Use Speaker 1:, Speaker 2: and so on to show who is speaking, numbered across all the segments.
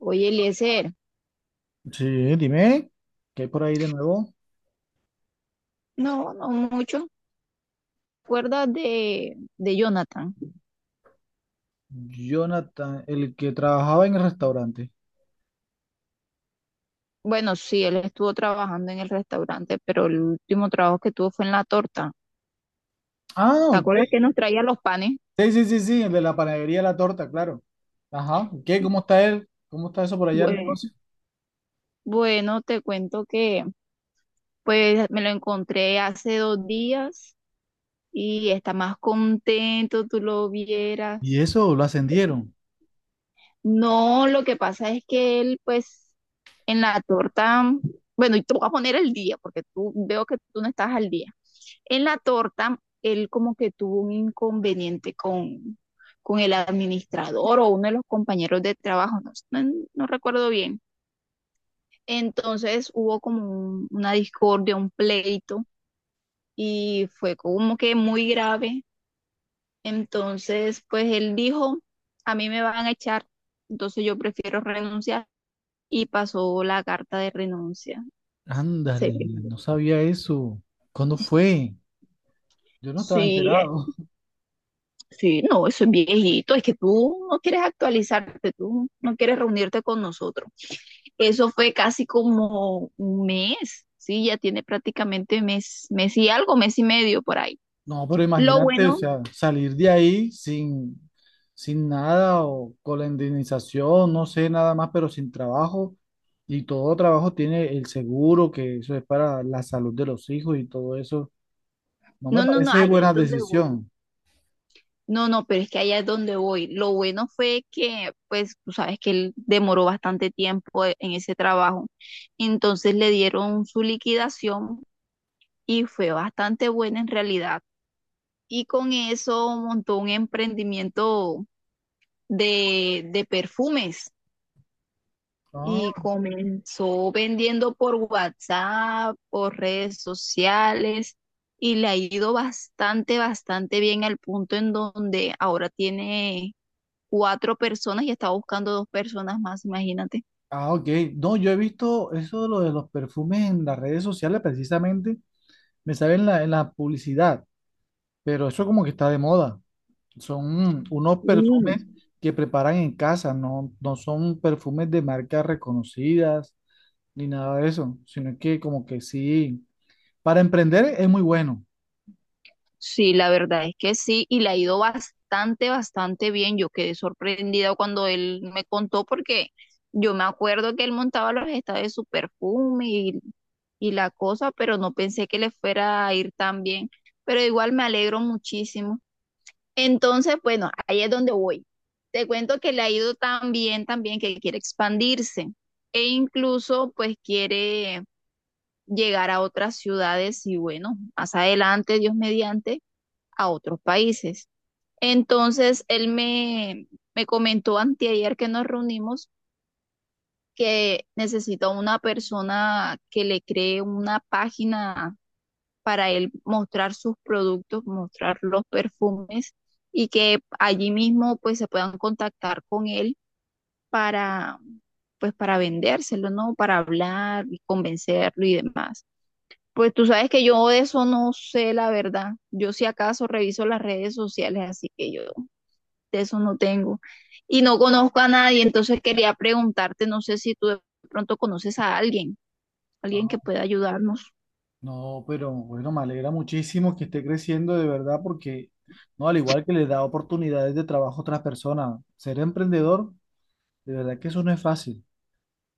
Speaker 1: Oye, Eliezer,
Speaker 2: Sí, dime, ¿qué hay por ahí de nuevo?
Speaker 1: no, no mucho. ¿Te acuerdas de Jonathan?
Speaker 2: Jonathan, el que trabajaba en el restaurante.
Speaker 1: Bueno, sí, él estuvo trabajando en el restaurante, pero el último trabajo que tuvo fue en la torta.
Speaker 2: Ah,
Speaker 1: ¿Te
Speaker 2: ok.
Speaker 1: acuerdas que nos traía los panes?
Speaker 2: Sí, sí, sí, sí, el de la panadería la torta, claro. Ajá, ¿qué? ¿Cómo está él? ¿Cómo está eso por allá en el
Speaker 1: Bueno,
Speaker 2: negocio?
Speaker 1: bueno, te cuento que pues me lo encontré hace 2 días y está más contento, tú lo
Speaker 2: Y
Speaker 1: vieras.
Speaker 2: eso, lo ascendieron.
Speaker 1: No, lo que pasa es que él pues en la torta, bueno, y te voy a poner el día, porque tú veo que tú no estás al día. En la torta, él como que tuvo un inconveniente con el administrador o uno de los compañeros de trabajo, no, no recuerdo bien. Entonces hubo como una discordia, un pleito y fue como que muy grave. Entonces, pues él dijo, a mí me van a echar, entonces yo prefiero renunciar y pasó la carta de renuncia. Se-
Speaker 2: Ándale, no sabía eso. ¿Cuándo fue? Yo no estaba
Speaker 1: Sí,
Speaker 2: enterado.
Speaker 1: sí, no, eso es viejito, es que tú no quieres actualizarte, tú no quieres reunirte con nosotros. Eso fue casi como un mes, sí, ya tiene prácticamente mes, mes y algo, mes y medio por ahí.
Speaker 2: No, pero
Speaker 1: Lo
Speaker 2: imagínate, o
Speaker 1: bueno,
Speaker 2: sea, salir de ahí sin nada o con la indemnización, no sé, nada más, pero sin trabajo. Y todo trabajo tiene el seguro, que eso es para la salud de los hijos y todo eso. No me
Speaker 1: no, no, no,
Speaker 2: parece
Speaker 1: allá es
Speaker 2: buena
Speaker 1: donde voy.
Speaker 2: decisión.
Speaker 1: No, no, pero es que allá es donde voy. Lo bueno fue que, pues, tú sabes que él demoró bastante tiempo en ese trabajo. Entonces le dieron su liquidación y fue bastante buena en realidad. Y con eso montó un emprendimiento de perfumes y
Speaker 2: Ah,
Speaker 1: comenzó vendiendo por WhatsApp, por redes sociales y le ha ido bastante, bastante bien al punto en donde ahora tiene cuatro personas y está buscando dos personas más, imagínate.
Speaker 2: ah, ok. No, yo he visto eso de lo de los perfumes en las redes sociales, precisamente, me sale en la publicidad, pero eso como que está de moda. Son unos perfumes
Speaker 1: Sí.
Speaker 2: que preparan en casa, no, no son perfumes de marcas reconocidas ni nada de eso, sino que como que sí, para emprender es muy bueno.
Speaker 1: Sí, la verdad es que sí, y le ha ido bastante, bastante bien. Yo quedé sorprendida cuando él me contó porque yo me acuerdo que él montaba los estados de su perfume y la cosa, pero no pensé que le fuera a ir tan bien. Pero igual me alegro muchísimo. Entonces, bueno, ahí es donde voy. Te cuento que le ha ido tan bien que quiere expandirse e incluso pues quiere llegar a otras ciudades y bueno, más adelante, Dios mediante, a otros países. Entonces, él me comentó anteayer que nos reunimos que necesita una persona que le cree una página para él mostrar sus productos, mostrar los perfumes y que allí mismo pues se puedan contactar con él para pues para vendérselo, ¿no? Para hablar y convencerlo y demás. Pues tú sabes que yo de eso no sé la verdad. Yo si acaso reviso las redes sociales, así que yo de eso no tengo. Y no conozco a nadie, entonces quería preguntarte, no sé si tú de pronto conoces a alguien, alguien que
Speaker 2: Ah,
Speaker 1: pueda ayudarnos.
Speaker 2: no, pero bueno, me alegra muchísimo que esté creciendo de verdad porque, no, al igual que le da oportunidades de trabajo a otras personas, ser emprendedor, de verdad que eso no es fácil,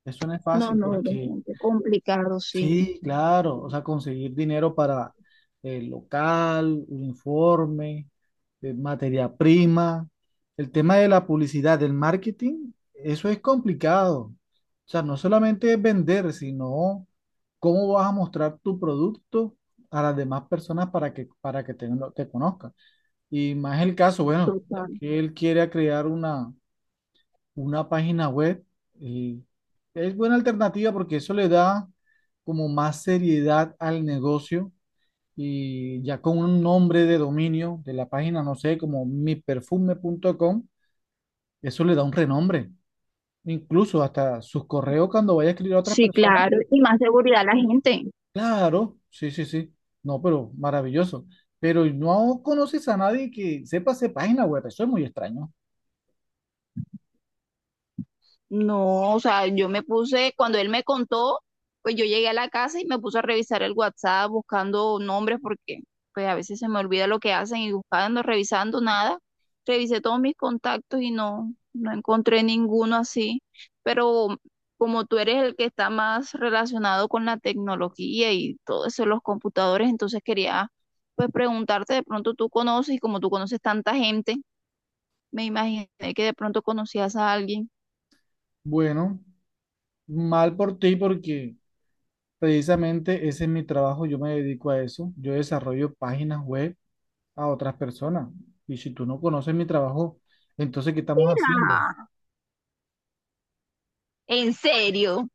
Speaker 2: eso no es
Speaker 1: No,
Speaker 2: fácil
Speaker 1: no, es
Speaker 2: porque
Speaker 1: bastante complicado, sí,
Speaker 2: sí, claro, o sea, conseguir dinero para el local, uniforme, materia prima. El tema de la publicidad, del marketing, eso es complicado. O sea, no solamente es vender, sino cómo vas a mostrar tu producto a las demás personas para que te conozcan. Y más el caso, bueno, ya
Speaker 1: total.
Speaker 2: que él quiere crear una página web, eh, es buena alternativa porque eso le da como más seriedad al negocio y ya con un nombre de dominio de la página, no sé, como miperfume.com, eso le da un renombre. Incluso hasta sus correos cuando vaya a escribir a otras
Speaker 1: Sí,
Speaker 2: personas.
Speaker 1: claro, y más seguridad a la gente.
Speaker 2: Claro, sí, sí, sí. No, pero maravilloso. Pero no conoces a nadie que sepa hacer página web. Eso es muy extraño.
Speaker 1: No, o sea, yo me puse, cuando él me contó, pues yo llegué a la casa y me puse a revisar el WhatsApp buscando nombres porque pues a veces se me olvida lo que hacen y buscando, revisando nada. Revisé todos mis contactos y no, no encontré ninguno así. Pero como tú eres el que está más relacionado con la tecnología y todo eso, los computadores, entonces quería pues preguntarte, de pronto tú conoces y como tú conoces tanta gente, me imaginé que de pronto conocías a alguien.
Speaker 2: Bueno, mal por ti porque precisamente ese es mi trabajo, yo me dedico a eso. Yo desarrollo páginas web a otras personas. Y si tú no conoces mi trabajo, entonces, ¿qué estamos haciendo?
Speaker 1: Mira. En serio.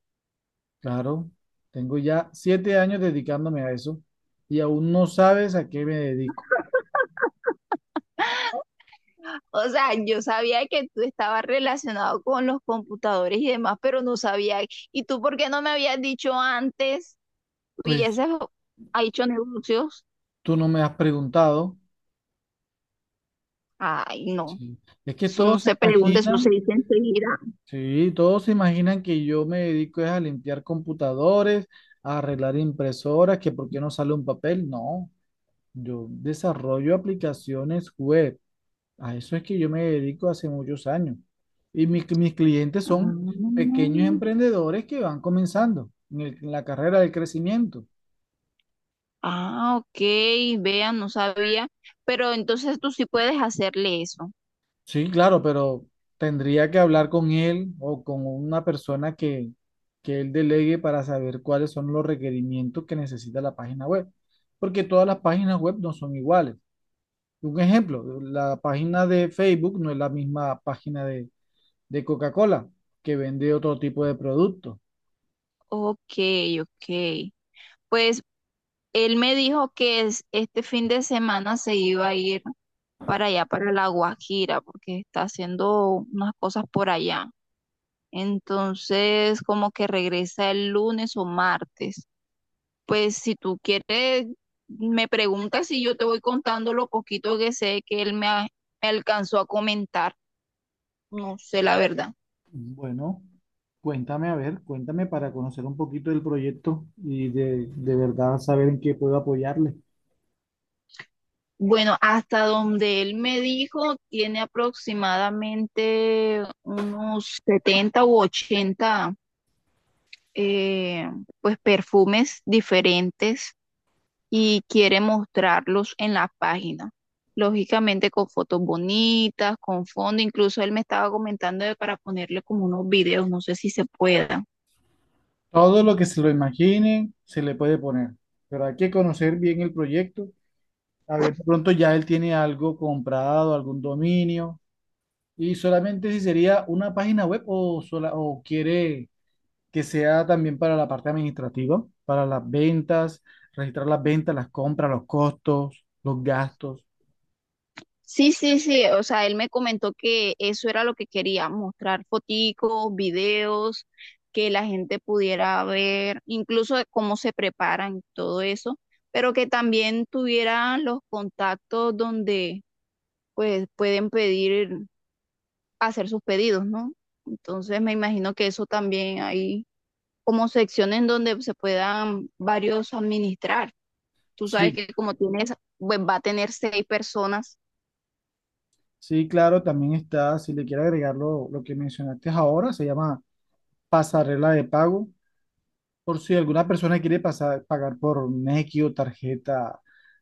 Speaker 2: Claro, tengo ya 7 años dedicándome a eso y aún no sabes a qué me dedico.
Speaker 1: O sea, yo sabía que tú estabas relacionado con los computadores y demás, pero no sabía. ¿Y tú por qué no me habías dicho antes?
Speaker 2: Pues
Speaker 1: Hubieses ha hecho negocios.
Speaker 2: tú no me has preguntado.
Speaker 1: Ay, no.
Speaker 2: Sí. Es que
Speaker 1: Eso no
Speaker 2: todos se
Speaker 1: se pregunta, eso se
Speaker 2: imaginan,
Speaker 1: dice enseguida.
Speaker 2: sí, todos se imaginan que yo me dedico es a limpiar computadores, a arreglar impresoras, que por qué no sale un papel. No. Yo desarrollo aplicaciones web. A eso es que yo me dedico hace muchos años. Y mis clientes
Speaker 1: Ah,
Speaker 2: son pequeños emprendedores que van comenzando en la carrera del crecimiento.
Speaker 1: ah, ok. Vean, no sabía. Pero entonces tú sí puedes hacerle eso.
Speaker 2: Sí, claro, pero tendría que hablar con él o con una persona que él delegue para saber cuáles son los requerimientos que necesita la página web. Porque todas las páginas web no son iguales. Un ejemplo, la página de Facebook no es la misma página de Coca-Cola, que vende otro tipo de producto.
Speaker 1: Ok, ok. Pues él me dijo que este fin de semana se iba a ir para allá, para La Guajira, porque está haciendo unas cosas por allá. Entonces, como que regresa el lunes o martes. Pues si tú quieres, me preguntas si yo te voy contando lo poquito que sé que él me alcanzó a comentar. No sé la verdad.
Speaker 2: Bueno, cuéntame, a ver, cuéntame para conocer un poquito del proyecto y de verdad saber en qué puedo apoyarle.
Speaker 1: Bueno, hasta donde él me dijo, tiene aproximadamente unos 70 u 80, eh, pues perfumes diferentes y quiere mostrarlos en la página. Lógicamente con fotos bonitas, con fondo, incluso él me estaba comentando de para ponerle como unos videos, no sé si se pueda.
Speaker 2: Todo lo que se lo imaginen se le puede poner, pero hay que conocer bien el proyecto. A ver, de pronto ya él tiene algo comprado, algún dominio, y solamente si sería una página web o, sola, o quiere que sea también para la parte administrativa, para las ventas, registrar las ventas, las compras, los costos, los gastos.
Speaker 1: Sí, sí, sí, o sea, él me comentó que eso era lo que quería, mostrar foticos, videos, que la gente pudiera ver, incluso de cómo se preparan, todo eso, pero que también tuvieran los contactos donde pues pueden pedir, hacer sus pedidos, ¿no? Entonces me imagino que eso también hay como secciones donde se puedan varios administrar. Tú sabes
Speaker 2: Sí,
Speaker 1: que como tienes, pues va a tener seis personas.
Speaker 2: sí, claro, también está, si le quiere agregar lo que mencionaste ahora, se llama pasarela de pago. Por si alguna persona quiere pagar por Nequi o tarjeta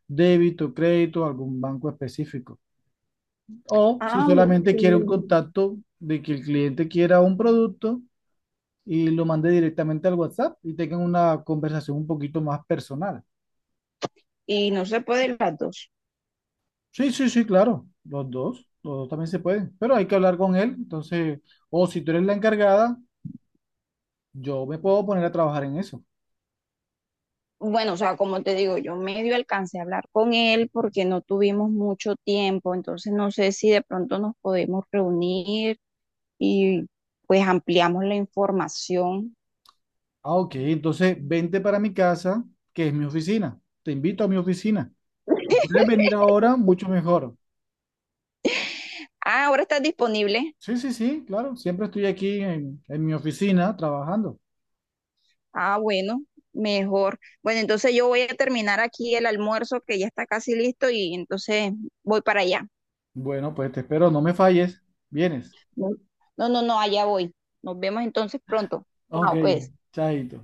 Speaker 2: débito, crédito, algún banco específico. O si
Speaker 1: Ah,
Speaker 2: solamente quiere un
Speaker 1: ok.
Speaker 2: contacto de que el cliente quiera un producto, y lo mandé directamente al WhatsApp y tengan una conversación un poquito más personal.
Speaker 1: Y no se pueden las dos.
Speaker 2: Sí, sí, sí, claro, los dos también se pueden, pero hay que hablar con él, entonces, o si tú eres la encargada, yo me puedo poner a trabajar en eso.
Speaker 1: Bueno, o sea, como te digo, yo medio alcancé a hablar con él porque no tuvimos mucho tiempo, entonces no sé si de pronto nos podemos reunir y pues ampliamos la información.
Speaker 2: Ah, ok, entonces vente para mi casa, que es mi oficina, te invito a mi oficina. Si puedes venir ahora, mucho mejor.
Speaker 1: Ah, ahora estás disponible.
Speaker 2: Sí, sí, sí, claro, siempre estoy aquí en mi oficina trabajando.
Speaker 1: Ah, bueno, mejor. Bueno, entonces yo voy a terminar aquí el almuerzo que ya está casi listo y entonces voy para allá.
Speaker 2: Bueno, pues te espero, no me falles, vienes.
Speaker 1: No, no, no, no, allá voy. Nos vemos entonces pronto.
Speaker 2: Ok,
Speaker 1: Chao, pues.
Speaker 2: chaito.